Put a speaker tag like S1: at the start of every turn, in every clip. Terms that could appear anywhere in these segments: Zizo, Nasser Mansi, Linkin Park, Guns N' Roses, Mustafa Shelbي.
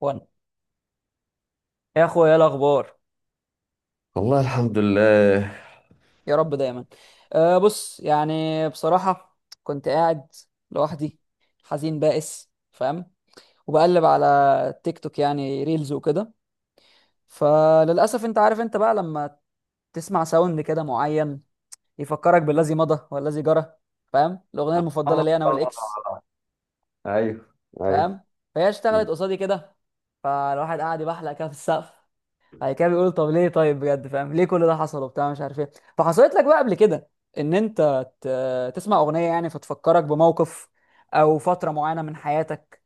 S1: وانا يا اخويا ايه الاخبار؟
S2: والله الحمد لله.
S1: يا رب دايما. بص يعني بصراحه كنت قاعد لوحدي، حزين بائس، فاهم؟ وبقلب على تيك توك، يعني ريلز وكده. فللاسف انت عارف، انت بقى لما تسمع ساوند كده معين يفكرك بالذي مضى والذي جرى. فاهم؟ الاغنيه المفضله
S2: آه.
S1: لي انا والاكس،
S2: ايوه، ايوه.
S1: فاهم؟ فهي اشتغلت قصادي كده. فالواحد قاعد يبحلق كده في السقف. بعد كده بيقول طب ليه، طيب بجد فاهم ليه كل ده حصل وبتاع مش عارف ايه. فحصلت لك بقى قبل كده ان انت تسمع اغنيه يعني فتفكرك بموقف او فتره معينه من حياتك،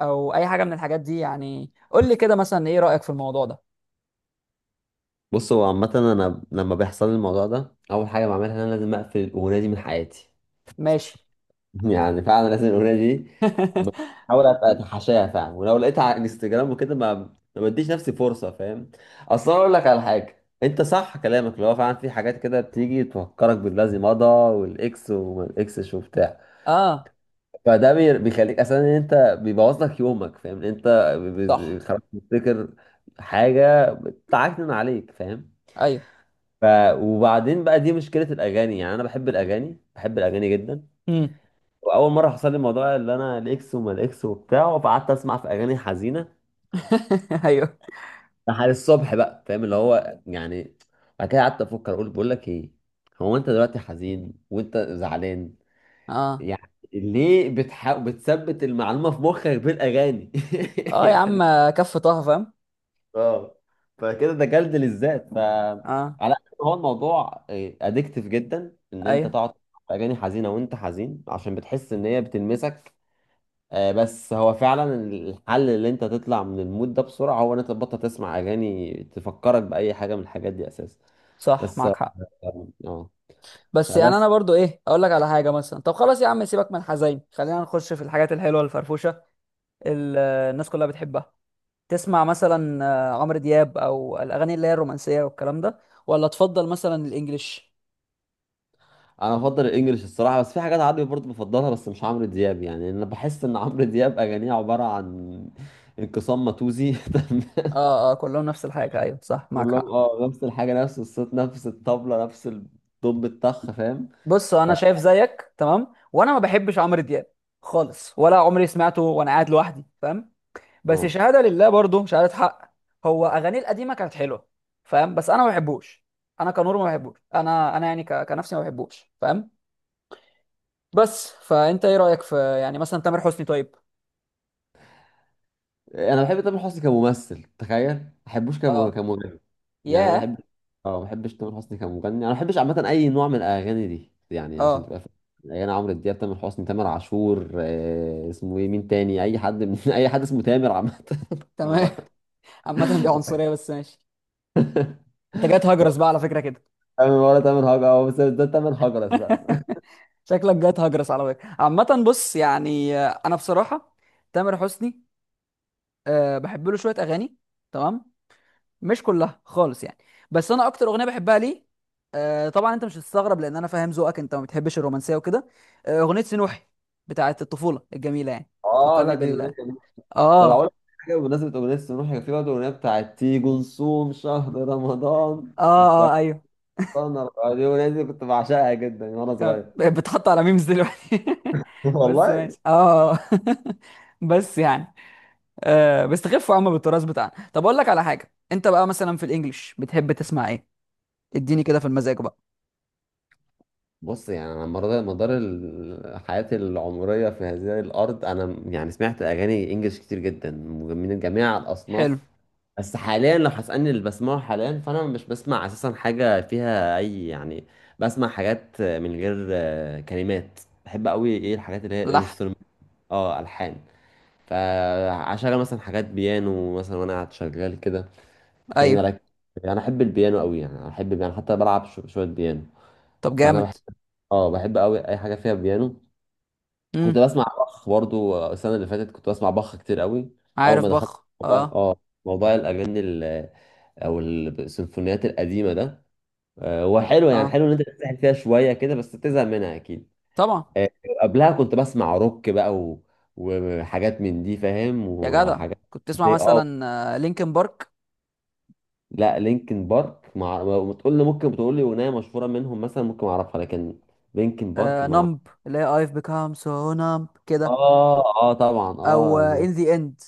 S1: او اي حاجه من الحاجات دي؟ يعني قول لي كده مثلا ايه رايك في الموضوع ده.
S2: بص، هو عامة انا لما بيحصل لي الموضوع ده اول حاجة بعملها ان انا لازم اقفل الاغنية دي من حياتي.
S1: ماشي.
S2: يعني فعلا لازم الاغنية دي بحاول ابقى اتحاشاها فعلا، ولو لقيتها على انستجرام وكده ما بديش نفسي فرصة. فاهم؟ اصلا اقول لك على حاجة، انت صح كلامك، اللي هو فعلا في حاجات كده بتيجي تفكرك بالذي مضى والاكس وما الاكسش وبتاع.
S1: اه.
S2: فده بيخليك اساسا ان انت بيبوظ لك يومك، فاهم؟ إن انت ب-
S1: صح.
S2: خلاص بتفتكر حاجه بتعكنن عليك، فاهم؟
S1: ايوه.
S2: ف وبعدين بقى دي مشكله الاغاني. يعني انا بحب الاغاني، بحب الاغاني جدا.
S1: امم.
S2: واول مره حصل لي الموضوع اللي انا الاكس وما الاكس وبتاع، فقعدت اسمع في اغاني حزينه
S1: ايوه.
S2: لحد الصبح بقى، فاهم؟ اللي هو يعني بعد كده قعدت افكر، اقول بقول لك ايه، هو انت دلوقتي حزين وانت زعلان،
S1: اه.
S2: يعني ليه بتحاول بتثبت المعلومه في مخك بالاغاني؟
S1: اه يا عم،
S2: يعني
S1: كف طه فاهم.
S2: اه. فكده ده جلد للذات.
S1: اه.
S2: على قد ما هو الموضوع ادكتيف جدا ان انت
S1: ايوه،
S2: تقعد تسمع اغاني حزينه وانت حزين عشان بتحس ان هي بتلمسك. آه، بس هو فعلا الحل اللي انت تطلع من المود ده بسرعه هو ان انت تبطل تسمع اغاني تفكرك باي حاجه من الحاجات دي اساسا.
S1: صح
S2: بس
S1: معاك
S2: اه.
S1: حق.
S2: آه.
S1: بس يعني
S2: فبس
S1: انا برضو ايه، اقول لك على حاجه مثلا، طب خلاص يا عم سيبك من الحزين، خلينا نخش في الحاجات الحلوه الفرفوشه ال- الناس كلها بتحبها. تسمع مثلا عمرو دياب، او الاغاني اللي هي الرومانسيه والكلام ده، ولا تفضل مثلا الانجليش؟
S2: انا بفضل الانجليش الصراحه، بس في حاجات عربي برضه بفضلها، بس مش عمرو دياب. يعني انا بحس ان عمرو دياب اغانيه عباره عن انقسام ماتوزي تمام؟
S1: اه اه، كلهم نفس الحاجه، ايوه صح معاك
S2: كلهم
S1: حق.
S2: اه نفس الحاجة، نفس الصوت، نفس الطبلة، نفس الدب الطخ، فاهم؟
S1: بص
S2: ف...
S1: انا شايف زيك، تمام؟ وانا ما بحبش عمرو دياب خالص، ولا عمري سمعته وانا قاعد لوحدي، فاهم؟ بس
S2: اه
S1: شهاده لله، برضه شهاده حق، هو اغانيه القديمه كانت حلوه، فاهم؟ بس انا ما بحبوش. انا كنور ما بحبوش. انا يعني كنفسي ما بحبوش، فاهم؟ بس فانت ايه رايك في يعني مثلا تامر حسني طيب؟
S2: انا بحب تامر حسني كممثل، تخيل، ما بحبوش
S1: اه.
S2: كمغني. يعني انا ما
S1: ياه.
S2: بحبش. اه ما بحبش تامر حسني كمغني، انا ما بحبش عامة اي نوع من الاغاني دي. يعني عشان
S1: اه.
S2: تبقى فاهم، اغاني عمرو دياب، تامر حسني، تامر عاشور، اسمه ايه، مين تاني؟ اي حد من... اي حد اسمه تامر عامة. ما
S1: تمام.
S2: بقى-
S1: عامة دي عنصرية بس ماشي. انت جاي تهجرس بقى على فكرة كده.
S2: تامر ولا تامر هجرة، بس ده تامر هجرة بقى.
S1: شكلك جاي تهجرس على فكرة. عامة بص، يعني انا بصراحة تامر حسني بحب له شوية اغاني، تمام؟ مش كلها خالص يعني. بس انا اكتر اغنية بحبها ليه، طبعا انت مش هتستغرب، لان انا فاهم ذوقك انت ما بتحبش الرومانسية وكده، اغنية سنوحي بتاعت الطفولة الجميلة يعني.
S2: اه لا،
S1: بتفكرني
S2: دي
S1: بال اه
S2: أغنية. طب اقول لك
S1: اه.
S2: حاجه بمناسبه اغنيه سنوح، كان في برضه اغنيه بتاعت تيجي نصوم شهر رمضان،
S1: اه
S2: السلطنه.
S1: ايوه،
S2: دي الاغنيه دي كنت بعشقها جدا وانا
S1: كان
S2: صغير.
S1: بتحط على ميمز دلوقتي، بس
S2: والله.
S1: ماشي اه. بس يعني بيستخفوا يا عم بالتراث بتاعنا. طب اقول لك على حاجه، انت بقى مثلا في الانجليش بتحب تسمع ايه؟ اديني كده في المزاج بقى.
S2: بص، يعني على مدار حياتي العمريه في هذه الارض، انا يعني سمعت اغاني انجلش كتير جدا من جميع الاصناف.
S1: حلو.
S2: بس حاليا لو هتسالني اللي بسمعه حاليا، فانا مش بسمع اساسا حاجه فيها اي يعني. بسمع حاجات من غير كلمات. بحب قوي، ايه، الحاجات اللي هي
S1: لحن.
S2: انسترومنت. اه الحان. فعشان مثلا حاجات بيانو مثلا، وانا قاعد شغال كده، تخليني
S1: ايوه.
S2: اركز. يعني انا احب البيانو قوي، يعني أنا احب، يعني، حتى بلعب شويه بيانو.
S1: طب
S2: فانا
S1: جامد.
S2: بحب، اه بحب قوي اي حاجه فيها بيانو.
S1: امم.
S2: كنت بسمع بخ برضو. السنه اللي فاتت كنت بسمع بخ كتير قوي. اول
S1: عارف
S2: ما دخلت
S1: بخ،
S2: موضوع-
S1: اه.
S2: اه موضوع الاغاني او السيمفونيات القديمه ده، هو حلو، يعني
S1: اه
S2: حلو ان انت تسحل فيها شويه كده، بس بتزهق منها اكيد.
S1: طبعا.
S2: آه، قبلها كنت بسمع روك بقى و... وحاجات من دي، فاهم؟
S1: يا جدع،
S2: وحاجات.
S1: كنت تسمع
S2: اه
S1: مثلا لينكن بارك؟
S2: لا، لينكن بارك، مع ما تقول لي، ممكن بتقول لي اغنيه مشهوره منهم مثلا ممكن اعرفها، لكن لينكن بارك. مع،
S1: نمب، اللي هي I've become so numb كده،
S2: اه، اه طبعا
S1: او
S2: اه.
S1: ان ذا اند،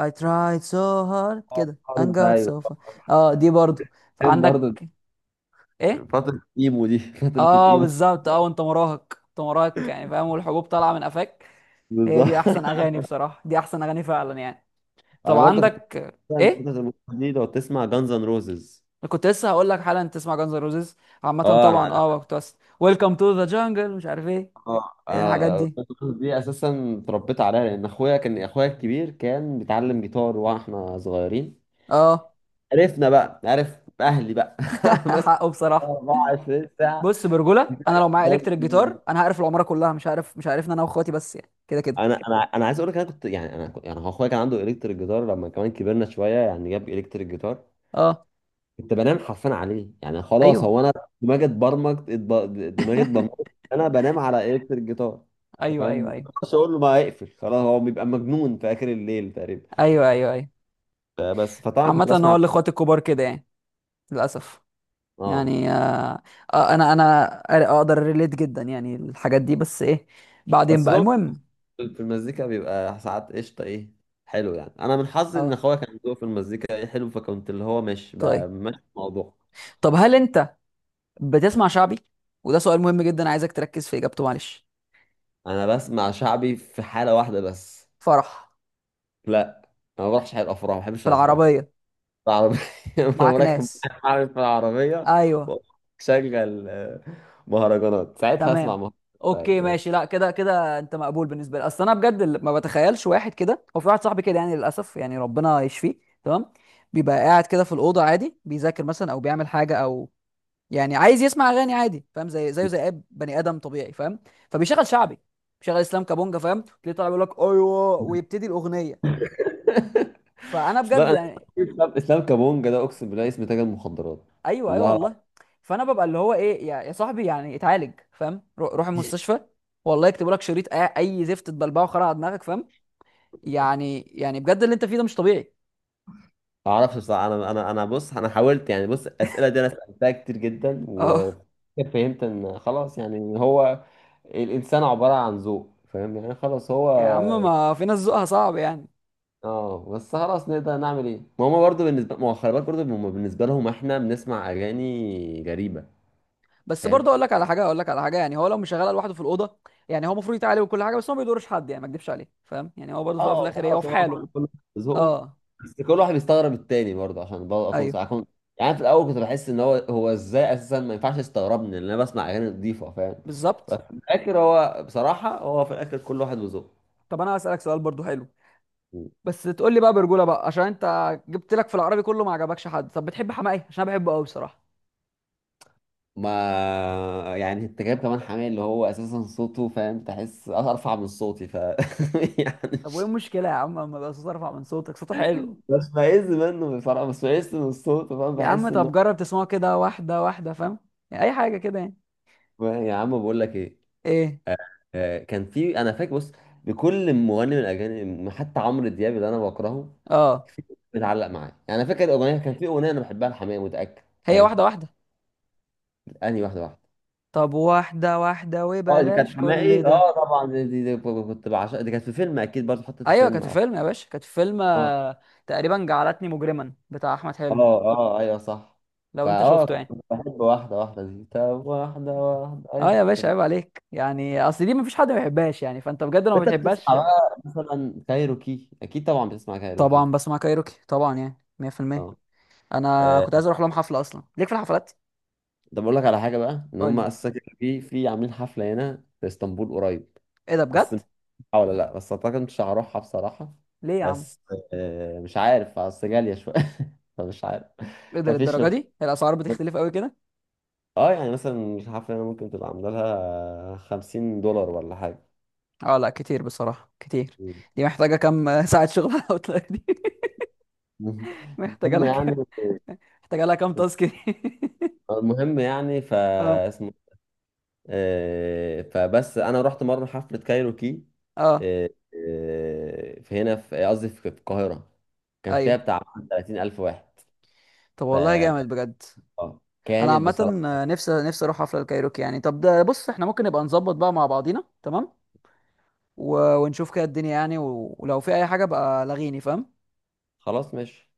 S1: I tried so hard
S2: آه،
S1: كده
S2: عارف
S1: and
S2: ده،
S1: got
S2: ايوه.
S1: so far. اه دي برضو
S2: كان برضه
S1: عندك؟ ايه؟
S2: فتره الايمو دي فتره
S1: اه
S2: الايمو،
S1: بالظبط. اه، وانت مراهق، انت مراهق يعني فاهم، والحبوب طالعه من قفاك. هي
S2: بالظبط.
S1: دي احسن اغاني بصراحه، دي احسن اغاني فعلا يعني. طب
S2: انا برضه كنت
S1: عندك
S2: فتره
S1: ايه؟
S2: الإيمو دي. لو تسمع جانز ان روزز،
S1: أنا كنت لسه هقول لك حالا تسمع جانز روزيز. عامه
S2: اه. انا
S1: طبعا اه كنت، بس ويلكم تو ذا جانجل مش عارف ايه،
S2: اه
S1: ايه الحاجات
S2: انا
S1: دي،
S2: Guns N' Roses دي اساسا اتربيت عليها، لان اخويا الكبير كان بيتعلم جيتار واحنا صغيرين.
S1: اه.
S2: عرفنا بقى، عرف اهلي بقى مثلا
S1: حقه بصراحه.
S2: 24 ساعه.
S1: بص برجوله، انا لو معايا الكتريك جيتار انا هقرف العماره كلها، مش عارف انا واخواتي، بس يعني كده كده.
S2: انا عايز اقول لك، انا كنت يعني يعني هو اخويا كان عنده الكتريك جيتار. لما كمان كبرنا شويه يعني جاب الكتريك جيتار،
S1: اه.
S2: كنت بنام حرفيا عليه. يعني خلاص
S1: ايوه
S2: هو انا دماغي اتبرمجت. دماغي اتبرمجت. انا بنام على الكتريك جيتار،
S1: ايوه
S2: فاهم؟
S1: ايوه.
S2: ما
S1: ايوه
S2: اقدرش اقول له ما يقفل. خلاص هو بيبقى مجنون في اخر الليل تقريبا.
S1: ايوه ايوه ايوه.
S2: فبس. فطبعا كنت
S1: عامة هو
S2: بسمع،
S1: الاخوات الكبار كده يعني، للاسف.
S2: اه
S1: يعني آه. انا اقدر ريليت جدا يعني الحاجات دي. بس ايه، بعدين
S2: بس
S1: بقى
S2: طبعا
S1: المهم.
S2: في المزيكا بيبقى ساعات قشطة. ايه، حلو، يعني انا من حظي ان
S1: اه.
S2: اخويا كان ذوقه في المزيكا ايه حلو، فكنت اللي هو مش
S1: طيب.
S2: ماشي في الموضوع.
S1: طب هل انت بتسمع شعبي؟ وده سؤال مهم جدا، عايزك تركز في اجابته معلش.
S2: انا بسمع شعبي في حالة واحدة بس.
S1: فرح؟
S2: لا، انا ما بروحش حي الافراح، ما بحبش
S1: في
S2: الافراح.
S1: العربية؟
S2: في العربية. انا
S1: معاك
S2: راكب.
S1: ناس؟
S2: معايا في العربية
S1: ايوه.
S2: وشغل مهرجانات ساعتها اسمع.
S1: تمام. اوكي
S2: مهرجانات.
S1: ماشي، لا كده كده انت مقبول بالنسبه لي. اصل انا بجد اللي ما بتخيلش واحد كده، هو في واحد صاحبي كده يعني للاسف، يعني ربنا يشفيه. تمام. بيبقى قاعد كده في الاوضه عادي، بيذاكر مثلا او بيعمل حاجه، او يعني عايز يسمع اغاني عادي، فاهم؟ زي زيه زي اي بني ادم طبيعي، فاهم؟ فبيشغل شعبي، بيشغل اسلام كابونجا، فاهم؟ تلاقيه طالع بيقول لك ايوه، ويبتدي الاغنيه. فانا
S2: لا،
S1: بجد
S2: انا
S1: يعني.
S2: اسلام كابونجا ده اقسم بالله اسم تاجر مخدرات.
S1: ايوه ايوه
S2: والله.
S1: والله. فانا ببقى اللي هو ايه، يا يا صاحبي يعني اتعالج، فاهم؟ روح المستشفى، والله يكتبوا لك شريط اي أي زفت تبلبعه، خرع على دماغك، فاهم؟ يعني بجد اللي انت فيه ده مش طبيعي.
S2: ما اعرفش بصراحه. انا انا بص، انا حاولت يعني. بص الاسئله دي انا سالتها كتير جدا،
S1: اه
S2: وفهمت ان خلاص يعني إن هو الانسان عباره عن ذوق، فاهم؟ يعني خلاص هو،
S1: يا عم، ما في ناس ذوقها صعب يعني.
S2: اه بس خلاص نقدر نعمل ايه؟ ما هما برضه بالنسبه، ما هو خلي بالك برضه، هما بالنسبه لهم احنا بنسمع اغاني غريبه،
S1: بس برضه
S2: فاهم؟
S1: اقول لك على حاجه، اقول لك على حاجه، يعني هو لو مش شغال لوحده في الاوضه، يعني هو المفروض يتعالج وكل حاجه، بس هو ما بيضرش حد يعني، ما اكدبش عليه، فاهم؟ يعني هو برضه في الأول وفي
S2: اه.
S1: الاخر ايه، هو
S2: خلاص
S1: في
S2: هو
S1: حاله.
S2: كله كله ذوقه.
S1: اه.
S2: بس كل واحد بيستغرب التاني برضه. عشان برضه اكون صح،
S1: ايوه
S2: اكون، يعني أنا في الاول كنت بحس ان هو ازاي اساسا ما ينفعش يستغربني، لان انا بسمع اغاني نظيفه، فاهم؟ بس
S1: بالظبط.
S2: في الاخر هو بصراحه، هو في الاخر كل واحد وذوقه.
S1: طب انا هسألك سؤال برضه حلو، بس تقول لي بقى برجوله بقى، عشان انت جبت لك في العربي كله ما عجبكش حد. طب بتحب حماقي؟ عشان انا بحبه قوي بصراحه.
S2: ما يعني انت جايب كمان حماية اللي هو اساسا صوته، فاهم؟ تحس ارفع من صوتي. يعني
S1: طب وايه
S2: مش
S1: المشكله يا عم، اما بقى صوت ارفع من صوتك، صوته حلو.
S2: بستفز منه بصراحه، بس بستفز من صوته، فاهم؟
S1: يا عم
S2: بحس انه.
S1: طب جرب تسمعه كده واحده واحده، فاهم؟ يعني اي حاجه كده يعني.
S2: يا عم، بقول لك ايه،
S1: ايه.
S2: كان في، انا فاكر، بص، لكل مغني من الاجانب حتى عمرو دياب اللي انا بكرهه
S1: اه.
S2: في بتعلق معاه. يعني انا فاكر اغنيه، كان في اغنيه انا بحبها لحماقي متاكد،
S1: هي واحده
S2: فاهم؟
S1: واحده.
S2: انهي واحده واحده.
S1: طب واحده واحده
S2: اه، دي كانت
S1: وبلاش كل
S2: حماقي،
S1: ده.
S2: اه طبعا، دي كنت بعشقها. دي كانت في فيلم اكيد، برضه حطت في
S1: ايوه
S2: فيلم.
S1: كانت في
S2: اه
S1: فيلم يا باشا، كانت في فيلم
S2: اه
S1: تقريبا جعلتني مجرما بتاع احمد
S2: اه،
S1: حلمي،
S2: آه، ايوه صح.
S1: لو انت
S2: فاه،
S1: شفته يعني.
S2: كنت بحب واحده واحده دي. طب واحده واحده،
S1: اه
S2: ايوه
S1: يا باشا،
S2: كانت.
S1: عيب عليك يعني، اصل دي مفيش حد ما بيحبهاش يعني. فانت بجد لو ما
S2: انت
S1: بتحبهاش.
S2: بتسمع بقى مثلا كايروكي، اكيد طبعا بتسمع كايروكي.
S1: طبعا بسمع كايروكي، طبعا يعني 100%.
S2: اه
S1: انا
S2: آه،
S1: كنت عايز اروح لهم حفله اصلا، ليك في الحفلات.
S2: ده بقول لك على حاجه بقى ان
S1: قول
S2: هم
S1: لي،
S2: اساسا كده في عاملين حفله هنا في اسطنبول قريب.
S1: ايه ده
S2: بس
S1: بجد؟
S2: مش عارف ولا لا، بس اعتقد مش هروحها بصراحه.
S1: ليه يا عم؟
S2: بس مش عارف، اصل غاليه شويه. فمش عارف.
S1: ايه ده
S2: مفيش.
S1: للدرجه دي؟ هي الاسعار بتختلف قوي كده؟
S2: اه، يعني مثلا الحفله هنا ممكن تبقى عامله لها $50 ولا حاجه.
S1: اه لا كتير بصراحه، كتير.
S2: مم.
S1: دي محتاجه كام ساعه شغل على الاوتلاير دي؟ محتاجه
S2: المهم
S1: لها
S2: يعني
S1: كام؟ محتاجه لها كام تاسك دي؟
S2: المهم يعني
S1: اه.
S2: فاسمه. فبس انا رحت مره حفله كايروكي،
S1: اه
S2: آه، في هنا، في قصدي، في القاهره. كان فيها
S1: ايوه.
S2: بتاع 30 الف واحد.
S1: طب
S2: ف
S1: والله جامد بجد.
S2: آه،
S1: انا
S2: كانت
S1: عامه
S2: بصراحه.
S1: نفسي نفسي اروح حفله الكايروكي يعني. طب ده بص، احنا ممكن نبقى نظبط بقى مع بعضينا، تمام؟ و... ونشوف كده الدنيا يعني، و... ولو في اي حاجه بقى لغيني، فاهم؟
S2: خلاص ماشي